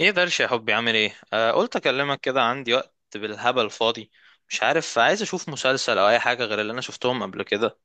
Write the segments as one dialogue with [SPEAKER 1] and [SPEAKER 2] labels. [SPEAKER 1] ايه درش يا حبي، عامل ايه؟ قلت اكلمك كده، عندي وقت بالهبل فاضي. مش عارف، عايز اشوف مسلسل او اي حاجه غير اللي انا شفتهم قبل كده.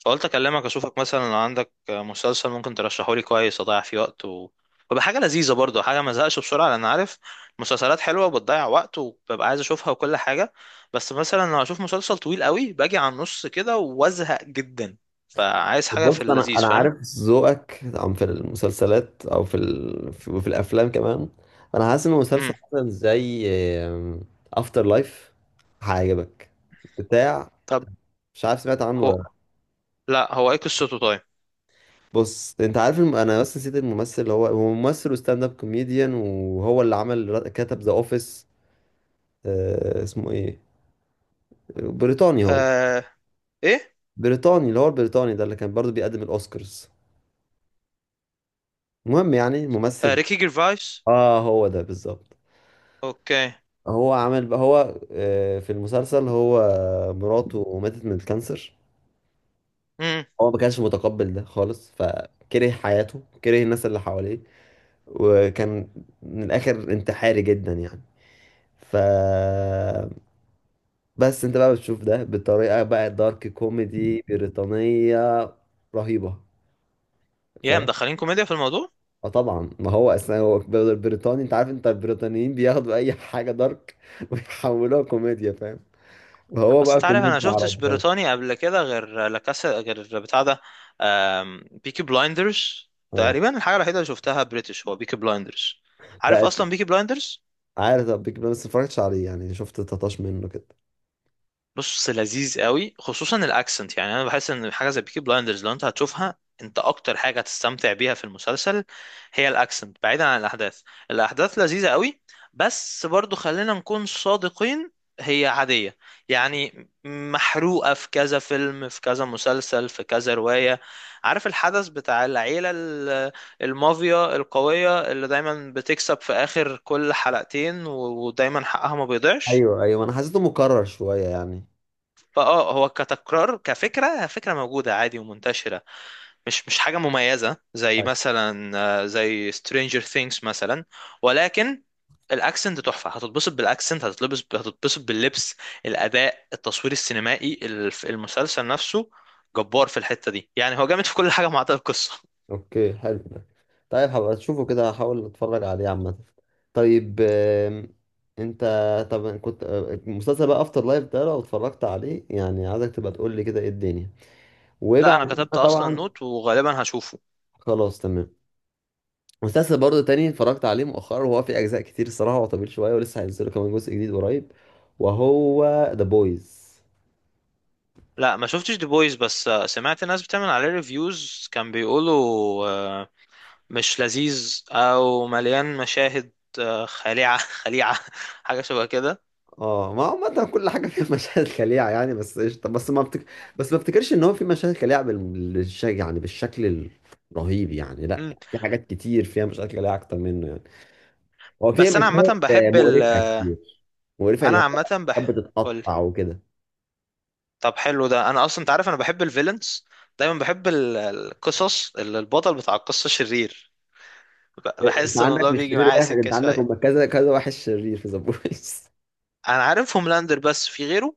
[SPEAKER 1] فقلت اكلمك اشوفك مثلا لو عندك مسلسل ممكن ترشحه لي كويس اضيع فيه وقت ويبقى حاجه لذيذه، برضه حاجه ما ازهقش بسرعه، لان عارف مسلسلات حلوه وبتضيع وقت وببقى عايز اشوفها وكل حاجه. بس مثلا لو اشوف مسلسل طويل قوي باجي على النص كده وازهق جدا، فعايز حاجه في
[SPEAKER 2] بص، انا
[SPEAKER 1] اللذيذ
[SPEAKER 2] انا
[SPEAKER 1] فاهم.
[SPEAKER 2] عارف ذوقك عم في المسلسلات او وفي الافلام كمان. انا حاسس ان مسلسل
[SPEAKER 1] امم.
[SPEAKER 2] مثلا زي افتر لايف هيعجبك. بتاع
[SPEAKER 1] طب.
[SPEAKER 2] مش عارف سمعت عنه ولا
[SPEAKER 1] هو
[SPEAKER 2] لأ.
[SPEAKER 1] لا، هو ايه قصته؟ طيب.
[SPEAKER 2] بص انت عارف انا بس نسيت الممثل، اللي هو ممثل وستاند اب كوميديان، وهو اللي عمل كتب ذا اوفيس. اسمه ايه؟ بريطاني هو،
[SPEAKER 1] آه... ايه؟
[SPEAKER 2] بريطاني، اللي هو البريطاني ده اللي كان برضو بيقدم الاوسكارز. المهم يعني
[SPEAKER 1] آه،
[SPEAKER 2] ممثل.
[SPEAKER 1] ريكي جيرفايس.
[SPEAKER 2] اه، هو ده بالظبط.
[SPEAKER 1] اوكي.
[SPEAKER 2] هو عمل بقى، هو آه، في المسلسل، هو مراته ماتت من الكانسر.
[SPEAKER 1] امم.
[SPEAKER 2] هو ما كانش متقبل ده خالص، فكره حياته، كره الناس اللي حواليه، وكان من الاخر انتحاري جدا يعني. ف بس انت بقى بتشوف ده بطريقه، بقى دارك كوميدي بريطانيه رهيبه،
[SPEAKER 1] يا
[SPEAKER 2] فاهم؟
[SPEAKER 1] مدخلين كوميديا في الموضوع.
[SPEAKER 2] اه طبعا، ما هو اصلا بريطاني، انت عارف، انت البريطانيين بياخدوا اي حاجه دارك ويحولوها كوميديا، فاهم؟ وهو
[SPEAKER 1] اصل
[SPEAKER 2] بقى
[SPEAKER 1] انت عارف انا
[SPEAKER 2] كوميديا على
[SPEAKER 1] شفتش
[SPEAKER 2] الدراما.
[SPEAKER 1] بريطاني قبل كده غير لكاسا، غير بتاع ده، بيكي بلايندرز
[SPEAKER 2] اه.
[SPEAKER 1] تقريبا الحاجه الوحيده اللي شفتها بريتش، هو بيكي بلايندرز. عارف
[SPEAKER 2] لا،
[SPEAKER 1] اصلا بيكي بلايندرز.
[SPEAKER 2] عارف ده بيج بان بس متفرجتش عليه يعني، شفت تطاش منه كده.
[SPEAKER 1] بص، لذيذ قوي خصوصا الاكسنت. يعني انا بحس ان حاجه زي بيكي بلايندرز لو انت هتشوفها، انت اكتر حاجه هتستمتع بيها في المسلسل هي الاكسنت، بعيدا عن الاحداث. الاحداث لذيذه قوي، بس برضو خلينا نكون صادقين، هي عاديه. يعني محروقه في كذا فيلم، في كذا مسلسل، في كذا روايه. عارف الحدث بتاع العيله المافيا القويه اللي دايما بتكسب في اخر كل حلقتين ودايما حقها ما بيضيعش.
[SPEAKER 2] ايوه، ايوه، انا حسيته مكرر شويه يعني.
[SPEAKER 1] فاه، هو كتكرار كفكره، فكره موجوده عادي ومنتشره، مش حاجه مميزه زي
[SPEAKER 2] طيب.
[SPEAKER 1] مثلا زي Stranger Things مثلا. ولكن الاكسنت تحفه، هتتبسط بالاكسنت، هتتلبس، هتتبسط باللبس، الاداء، التصوير السينمائي، المسلسل نفسه جبار في الحته دي. يعني هو جامد في كل حاجه ما عدا القصه.
[SPEAKER 2] اوكي، حلو ده. طيب، هبقى اشوفه كده، هحاول اتفرج عليه عامه. طيب. انت. طب كنت آه، مسلسل بقى افتر لايف ده لو اتفرجت عليه يعني عايزك تبقى تقول لي كده ايه الدنيا.
[SPEAKER 1] لا،
[SPEAKER 2] وبعد
[SPEAKER 1] انا كتبت
[SPEAKER 2] كده
[SPEAKER 1] اصلا
[SPEAKER 2] طبعا.
[SPEAKER 1] نوت وغالبا هشوفه.
[SPEAKER 2] خلاص، تمام. مسلسل برضه تاني اتفرجت عليه مؤخرا، وهو في اجزاء كتير الصراحه، هو طويل شويه، ولسه هينزلوا كمان جزء جديد قريب. وهو ذا بويز.
[SPEAKER 1] لا ما شفتش دي بويز، بس سمعت ناس بتعمل عليه ريفيوز كان بيقولوا آه، مش لذيذ او مليان مشاهد خليعه. خليعه، حاجه شبه كده.
[SPEAKER 2] اه، ما عامة كل حاجة فيها مشاهد خليعة يعني، بس قشطة. بس ما افتكرش ان هو في مشاهد خليعة يعني بالشكل الرهيب يعني. لا،
[SPEAKER 1] مم.
[SPEAKER 2] في حاجات كتير فيها مشاهد خليعة اكتر منه يعني. هو فيها
[SPEAKER 1] بس انا
[SPEAKER 2] مشاهد
[SPEAKER 1] عامه بحب
[SPEAKER 2] مقرفة كتير. مقرفة اللي
[SPEAKER 1] انا
[SPEAKER 2] هو
[SPEAKER 1] عامه
[SPEAKER 2] كانت
[SPEAKER 1] بح، قولي.
[SPEAKER 2] بتتقطع وكده.
[SPEAKER 1] طب حلو ده. انا اصلا انت عارف انا بحب الفيلنز، دايما بحب القصص اللي البطل بتاع القصه شرير.
[SPEAKER 2] انت
[SPEAKER 1] بحس ان
[SPEAKER 2] عندك
[SPEAKER 1] الموضوع
[SPEAKER 2] مش
[SPEAKER 1] بيجي
[SPEAKER 2] شرير
[SPEAKER 1] معايا
[SPEAKER 2] واحد،
[SPEAKER 1] سكه
[SPEAKER 2] انت عندك
[SPEAKER 1] شويه.
[SPEAKER 2] هم كذا كذا واحد شرير في ذا بويز.
[SPEAKER 1] انا عارف هوملاندر بس في غيره.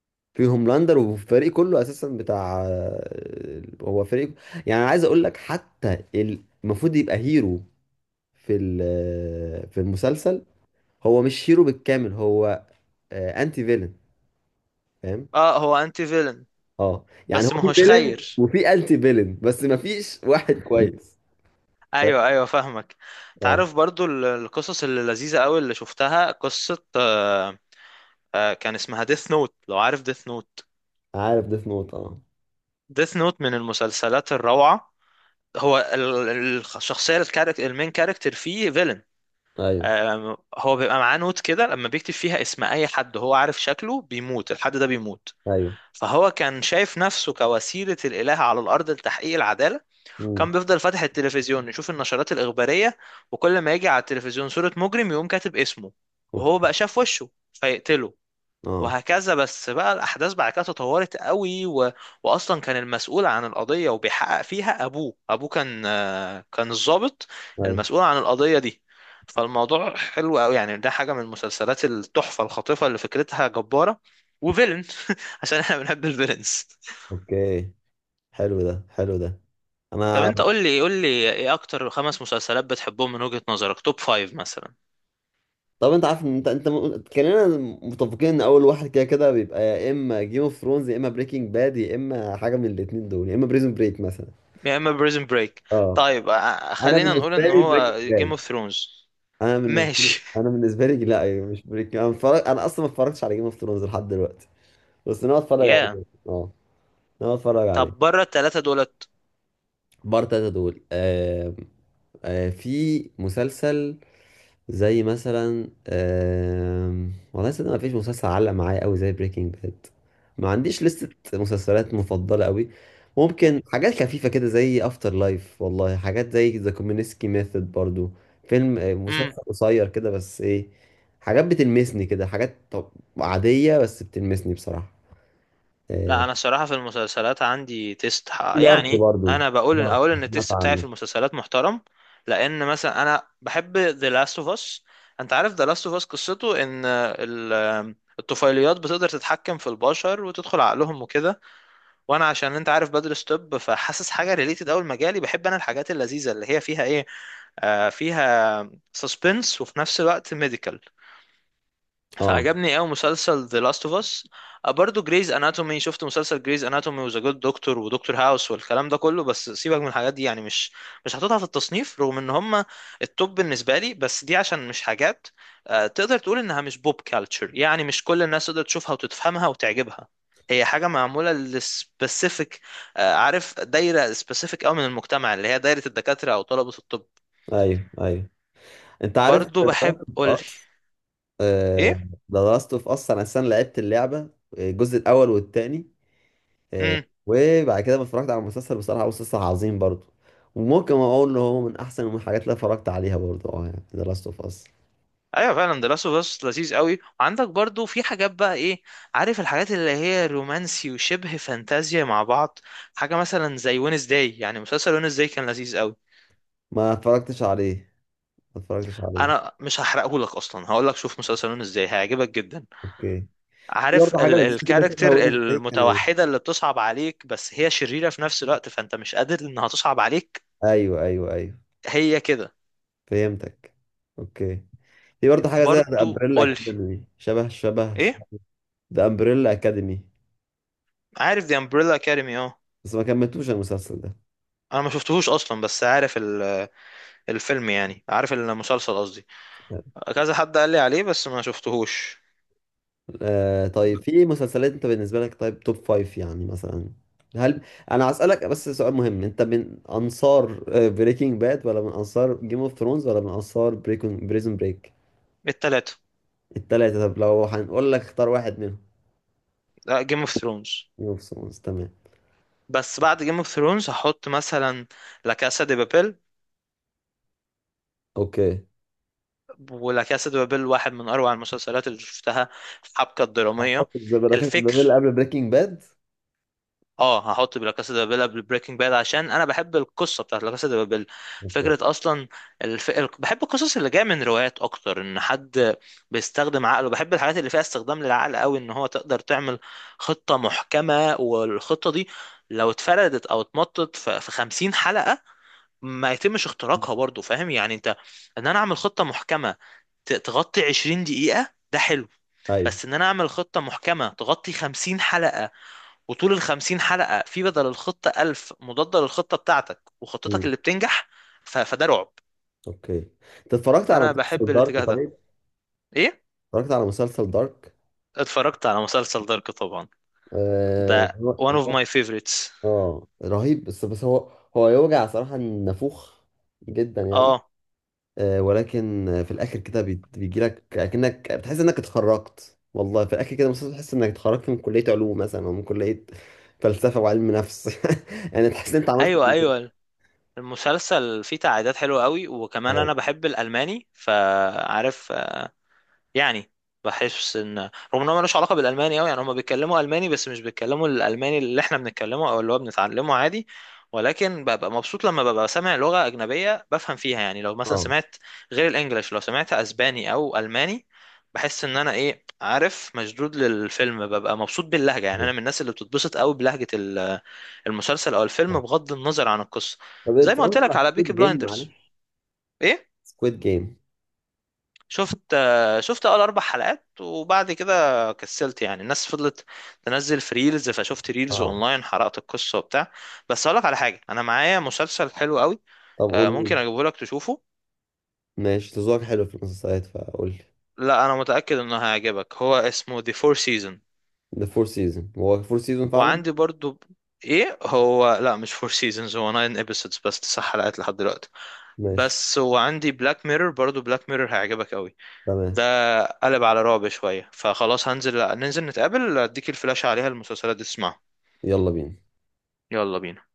[SPEAKER 2] في هوملاندر والفريق كله اساسا بتاع. هو فريق، يعني عايز اقول لك حتى المفروض يبقى هيرو في المسلسل، هو مش هيرو بالكامل، هو انتي فيلن، فاهم؟
[SPEAKER 1] اه، هو انتي فيلن
[SPEAKER 2] اه يعني،
[SPEAKER 1] بس
[SPEAKER 2] هو
[SPEAKER 1] ما
[SPEAKER 2] في
[SPEAKER 1] هوش
[SPEAKER 2] فيلن
[SPEAKER 1] خير.
[SPEAKER 2] وفي انتي فيلن بس ما فيش واحد كويس،
[SPEAKER 1] ايوه،
[SPEAKER 2] فاهم؟
[SPEAKER 1] ايوه، فاهمك.
[SPEAKER 2] اه،
[SPEAKER 1] تعرف برضو القصص اللي لذيذه قوي، اللي شفتها قصه كان اسمها ديث نوت، لو عارف ديث نوت.
[SPEAKER 2] عارف ديث نوت، اه.
[SPEAKER 1] ديث نوت من المسلسلات الروعة. هو الشخصية، الكاركتر المين كاركتر فيه فيلن.
[SPEAKER 2] ايوه،
[SPEAKER 1] آم، هو بيبقى معاه نوت كده، لما بيكتب فيها اسم أي حد هو عارف شكله بيموت، الحد ده بيموت.
[SPEAKER 2] ايوه.
[SPEAKER 1] فهو كان شايف نفسه كوسيلة الإله على الأرض لتحقيق العدالة.
[SPEAKER 2] امم
[SPEAKER 1] كان بيفضل فاتح التلفزيون يشوف النشرات الإخبارية، وكل ما يجي على التلفزيون صورة مجرم يقوم كاتب اسمه، وهو
[SPEAKER 2] اوكي.
[SPEAKER 1] بقى شاف وشه فيقتله،
[SPEAKER 2] اه،
[SPEAKER 1] وهكذا. بس بقى الأحداث بعد كده تطورت قوي وأصلا كان المسؤول عن القضية وبيحقق فيها أبوه، أبوه كان كان الضابط
[SPEAKER 2] ايوه.
[SPEAKER 1] المسؤول عن القضية دي. فالموضوع حلو قوي يعني، ده حاجة من مسلسلات التحفة الخاطفة اللي فكرتها جبارة، وفيلن، عشان احنا بنحب الفيلنز.
[SPEAKER 2] اوكي، حلو ده، حلو ده.
[SPEAKER 1] طب
[SPEAKER 2] انا.
[SPEAKER 1] انت قول لي قول لي ايه اكتر خمس مسلسلات بتحبهم من وجهة نظرك، توب فايف مثلا.
[SPEAKER 2] طب، انت عارف إن انت كلنا متفقين ان اول واحد كده كده بيبقى يا اما جيم اوف ثرونز، يا اما بريكنج باد، يا اما حاجه من الاثنين دول، يا اما بريزون بريك مثلا.
[SPEAKER 1] يا اما بريزن بريك.
[SPEAKER 2] اه،
[SPEAKER 1] طيب
[SPEAKER 2] انا
[SPEAKER 1] خلينا نقول
[SPEAKER 2] بالنسبه
[SPEAKER 1] ان
[SPEAKER 2] لي
[SPEAKER 1] هو
[SPEAKER 2] بريكنج
[SPEAKER 1] جيم
[SPEAKER 2] باد.
[SPEAKER 1] اوف ثرونز.
[SPEAKER 2] انا بالنسبه لي
[SPEAKER 1] ماشي.
[SPEAKER 2] انا بالنسبه لي لا، أيوة، مش بريك. انا اصلا ما اتفرجتش على جيم اوف ثرونز لحد دلوقتي. بس انا اتفرج
[SPEAKER 1] يا.
[SPEAKER 2] عليه. اه، انا اتفرج عليه.
[SPEAKER 1] طب بره التلاتة دولت.
[SPEAKER 2] بار تلاتة دول. في مسلسل زي مثلا. والله صدق، ما فيش مسلسل علق معايا قوي زي بريكنج باد. ما عنديش لستة مسلسلات مفضلة قوي. ممكن حاجات خفيفة كده زي افتر لايف، والله حاجات زي ذا كومينسكي ميثود برضو. فيلم آه،
[SPEAKER 1] امم.
[SPEAKER 2] مسلسل قصير كده بس ايه. حاجات بتلمسني كده، حاجات طب عادية بس بتلمسني بصراحة.
[SPEAKER 1] لا،
[SPEAKER 2] آه،
[SPEAKER 1] انا الصراحه في المسلسلات عندي تيست
[SPEAKER 2] في دارك
[SPEAKER 1] يعني
[SPEAKER 2] برضو.
[SPEAKER 1] انا بقول،
[SPEAKER 2] دارك،
[SPEAKER 1] اقول ان
[SPEAKER 2] سمعت
[SPEAKER 1] التيست بتاعي في
[SPEAKER 2] عنه.
[SPEAKER 1] المسلسلات محترم. لان مثلا انا بحب The Last of Us. انت عارف The Last of Us قصته ان الطفيليات بتقدر تتحكم في البشر وتدخل عقلهم وكده. وانا عشان انت عارف بدرس طب، فحاسس حاجه ريليتد قوي لمجالي. بحب انا الحاجات اللذيذه اللي هي فيها ايه، آه، فيها سسبنس وفي نفس الوقت ميديكال.
[SPEAKER 2] اه.
[SPEAKER 1] فعجبني قوي مسلسل The Last of Us. برضو جريز اناتومي، شفت مسلسل جريز اناتومي وذا جود دكتور ودكتور هاوس والكلام ده كله. بس سيبك من الحاجات دي يعني، مش هحطها في التصنيف رغم ان هم التوب بالنسبه لي، بس دي عشان مش حاجات تقدر تقول انها مش بوب كالتشر. يعني مش كل الناس تقدر تشوفها وتفهمها وتعجبها، هي حاجه معموله للسبيسيفيك. عارف دايره سبيسيفيك قوي من المجتمع، اللي هي دايره الدكاتره او طلبه الطب.
[SPEAKER 2] ايوه، ايوه. انت عارف
[SPEAKER 1] برضو
[SPEAKER 2] دارك أوف
[SPEAKER 1] بحب قول.
[SPEAKER 2] اس ذا لاست اوف اس. انا اصلا لعبت اللعبه، الجزء الاول والثاني.
[SPEAKER 1] ايه؟
[SPEAKER 2] وبعد كده ما اتفرجت على المسلسل بصراحه، هو مسلسل عظيم برضه. وممكن اقول ان هو من احسن الحاجات اللي اتفرجت عليها برضه، اه يعني ذا لاست اوف اس.
[SPEAKER 1] ايوه فعلا، ده لاست اوف اس لذيذ قوي. وعندك برضو في حاجات بقى ايه، عارف الحاجات اللي هي رومانسي وشبه فانتازيا مع بعض. حاجه مثلا زي وينز داي، يعني مسلسل وينز داي كان لذيذ قوي.
[SPEAKER 2] ما اتفرجتش عليه. ما اتفرجتش عليه.
[SPEAKER 1] انا مش هحرقه لك، اصلا هقول لك شوف مسلسل وينز داي هيعجبك جدا.
[SPEAKER 2] اوكي. في
[SPEAKER 1] عارف
[SPEAKER 2] برضه حاجه
[SPEAKER 1] ال
[SPEAKER 2] لذيذه كده شبه
[SPEAKER 1] الكاركتر
[SPEAKER 2] وينج كان.
[SPEAKER 1] المتوحده اللي بتصعب عليك بس هي شريره في نفس الوقت، فانت مش قادر انها تصعب عليك.
[SPEAKER 2] ايوه، ايوه، ايوه،
[SPEAKER 1] هي كده.
[SPEAKER 2] فهمتك. اوكي. في برضه حاجه زي ذا
[SPEAKER 1] برضو
[SPEAKER 2] امبريلا
[SPEAKER 1] قولي.
[SPEAKER 2] اكاديمي. شبه
[SPEAKER 1] ايه؟
[SPEAKER 2] ذا امبريلا اكاديمي
[SPEAKER 1] عارف دي امبريلا اكاديمي، اه.
[SPEAKER 2] بس ما كملتوش المسلسل ده.
[SPEAKER 1] انا ما شفتهوش اصلا بس عارف الفيلم، يعني عارف المسلسل قصدي. كذا حد قال لي عليه بس ما شفتهوش.
[SPEAKER 2] آه، طيب في مسلسلات انت بالنسبة لك، طيب توب فايف يعني مثلا. هل انا هسألك بس سؤال مهم، انت من انصار بريكنج باد، ولا من انصار جيم اوف ثرونز، ولا من انصار بريزون بريك؟
[SPEAKER 1] التلاتة.
[SPEAKER 2] التلاتة. طب لو هنقول لك اختار واحد منهم.
[SPEAKER 1] جيم اوف ثرونز.
[SPEAKER 2] جيم اوف ثرونز، تمام.
[SPEAKER 1] بس بعد جيم اوف ثرونز هحط مثلا لا كاسا دي بابيل.
[SPEAKER 2] اوكي.
[SPEAKER 1] ولا كاسا دي بابيل واحد من اروع المسلسلات اللي شفتها، الحبكة الدرامية،
[SPEAKER 2] هحط بركات البابل
[SPEAKER 1] الفكر.
[SPEAKER 2] قبل بريكنج باد.
[SPEAKER 1] اه، هحط لا كاسا دي بابيل قبل بريكنج باد عشان انا بحب القصه بتاعت لا كاسا دي بابيل،
[SPEAKER 2] اوكي،
[SPEAKER 1] فكره اصلا. بحب القصص اللي جايه من روايات اكتر، ان حد بيستخدم عقله. بحب الحاجات اللي فيها استخدام للعقل قوي، ان هو تقدر تعمل خطه محكمه، والخطه دي لو اتفردت او اتمطت في 50 حلقه ما يتمش اختراقها. برضو فاهم يعني انت، ان انا اعمل خطه محكمه تغطي 20 دقيقه، ده حلو.
[SPEAKER 2] ايوه.
[SPEAKER 1] بس ان انا اعمل خطه محكمه تغطي 50 حلقه، وطول ال 50 حلقة في بدل الخطة 1000 مضادة للخطة بتاعتك، وخطتك
[SPEAKER 2] امم
[SPEAKER 1] اللي بتنجح، فده رعب.
[SPEAKER 2] اوكي. انت اتفرجت على
[SPEAKER 1] فأنا بحب
[SPEAKER 2] مسلسل دارك،
[SPEAKER 1] الاتجاه ده.
[SPEAKER 2] طيب؟
[SPEAKER 1] إيه؟
[SPEAKER 2] اتفرجت على مسلسل دارك؟
[SPEAKER 1] اتفرجت على مسلسل دارك طبعا،
[SPEAKER 2] آه...
[SPEAKER 1] ده one of my favorites.
[SPEAKER 2] اه، رهيب. بس هو يوجع صراحة النافوخ جدا يعني.
[SPEAKER 1] اه.
[SPEAKER 2] ولكن في الاخر كده بيجي لك اكنك بتحس انك اتخرجت، والله في الاخر كده مثلا تحس انك اتخرجت من كلية علوم مثلا، او من كلية فلسفة وعلم نفس، يعني تحس ان انت عملت
[SPEAKER 1] ايوه،
[SPEAKER 2] إنجاز.
[SPEAKER 1] ايوه. المسلسل فيه تعقيدات حلوة قوي، وكمان
[SPEAKER 2] اه،
[SPEAKER 1] انا بحب الالماني، فعارف يعني بحس ان رغم ان هو ملوش علاقه بالالماني قوي، يعني هم بيتكلموا الماني بس مش بيتكلموا الالماني اللي احنا بنتكلمه او اللي هو بنتعلمه عادي. ولكن ببقى مبسوط لما ببقى سامع لغه اجنبيه بفهم فيها. يعني لو مثلا
[SPEAKER 2] اه،
[SPEAKER 1] سمعت غير الانجليش، لو سمعت اسباني او الماني، بحس ان انا ايه، عارف، مشدود للفيلم، ببقى مبسوط باللهجه. يعني
[SPEAKER 2] آه.
[SPEAKER 1] انا من الناس اللي بتتبسط قوي بلهجه المسلسل او الفيلم،
[SPEAKER 2] آه.
[SPEAKER 1] بغض النظر عن القصه.
[SPEAKER 2] طب
[SPEAKER 1] زي ما قلت
[SPEAKER 2] اتفرجت
[SPEAKER 1] لك
[SPEAKER 2] على
[SPEAKER 1] على بيكي
[SPEAKER 2] سكويد جيم،
[SPEAKER 1] بلايندرز.
[SPEAKER 2] معلش؟
[SPEAKER 1] ايه؟
[SPEAKER 2] سكويد جيم.
[SPEAKER 1] شفت شفت اول اربع حلقات وبعد كده كسلت. يعني الناس فضلت تنزل في ريلز، فشفت ريلز
[SPEAKER 2] اه.
[SPEAKER 1] اونلاين حرقت القصه وبتاع. بس اقول لك على حاجه، انا معايا مسلسل حلو قوي،
[SPEAKER 2] طب قول لي.
[SPEAKER 1] ممكن اجيبه لك تشوفه.
[SPEAKER 2] ماشي، تزوق حلو في المسلسلات، فقول لي.
[SPEAKER 1] لا، انا متاكد انه هيعجبك، هو اسمه The Four Seasons.
[SPEAKER 2] ده فور سيزون، هو فور سيزون فعلا.
[SPEAKER 1] وعندي برضو. ايه هو؟ لا مش فور سيزونز، هو 9 episodes بس، 9 حلقات لحد دلوقتي
[SPEAKER 2] ماشي،
[SPEAKER 1] بس. وعندي بلاك ميرور برضو، بلاك ميرور هيعجبك قوي.
[SPEAKER 2] تمام.
[SPEAKER 1] ده قلب على رعب شوية، فخلاص هنزل، ننزل نتقابل، اديك الفلاش عليها المسلسلات دي تسمعها.
[SPEAKER 2] يلا بينا.
[SPEAKER 1] يلا بينا.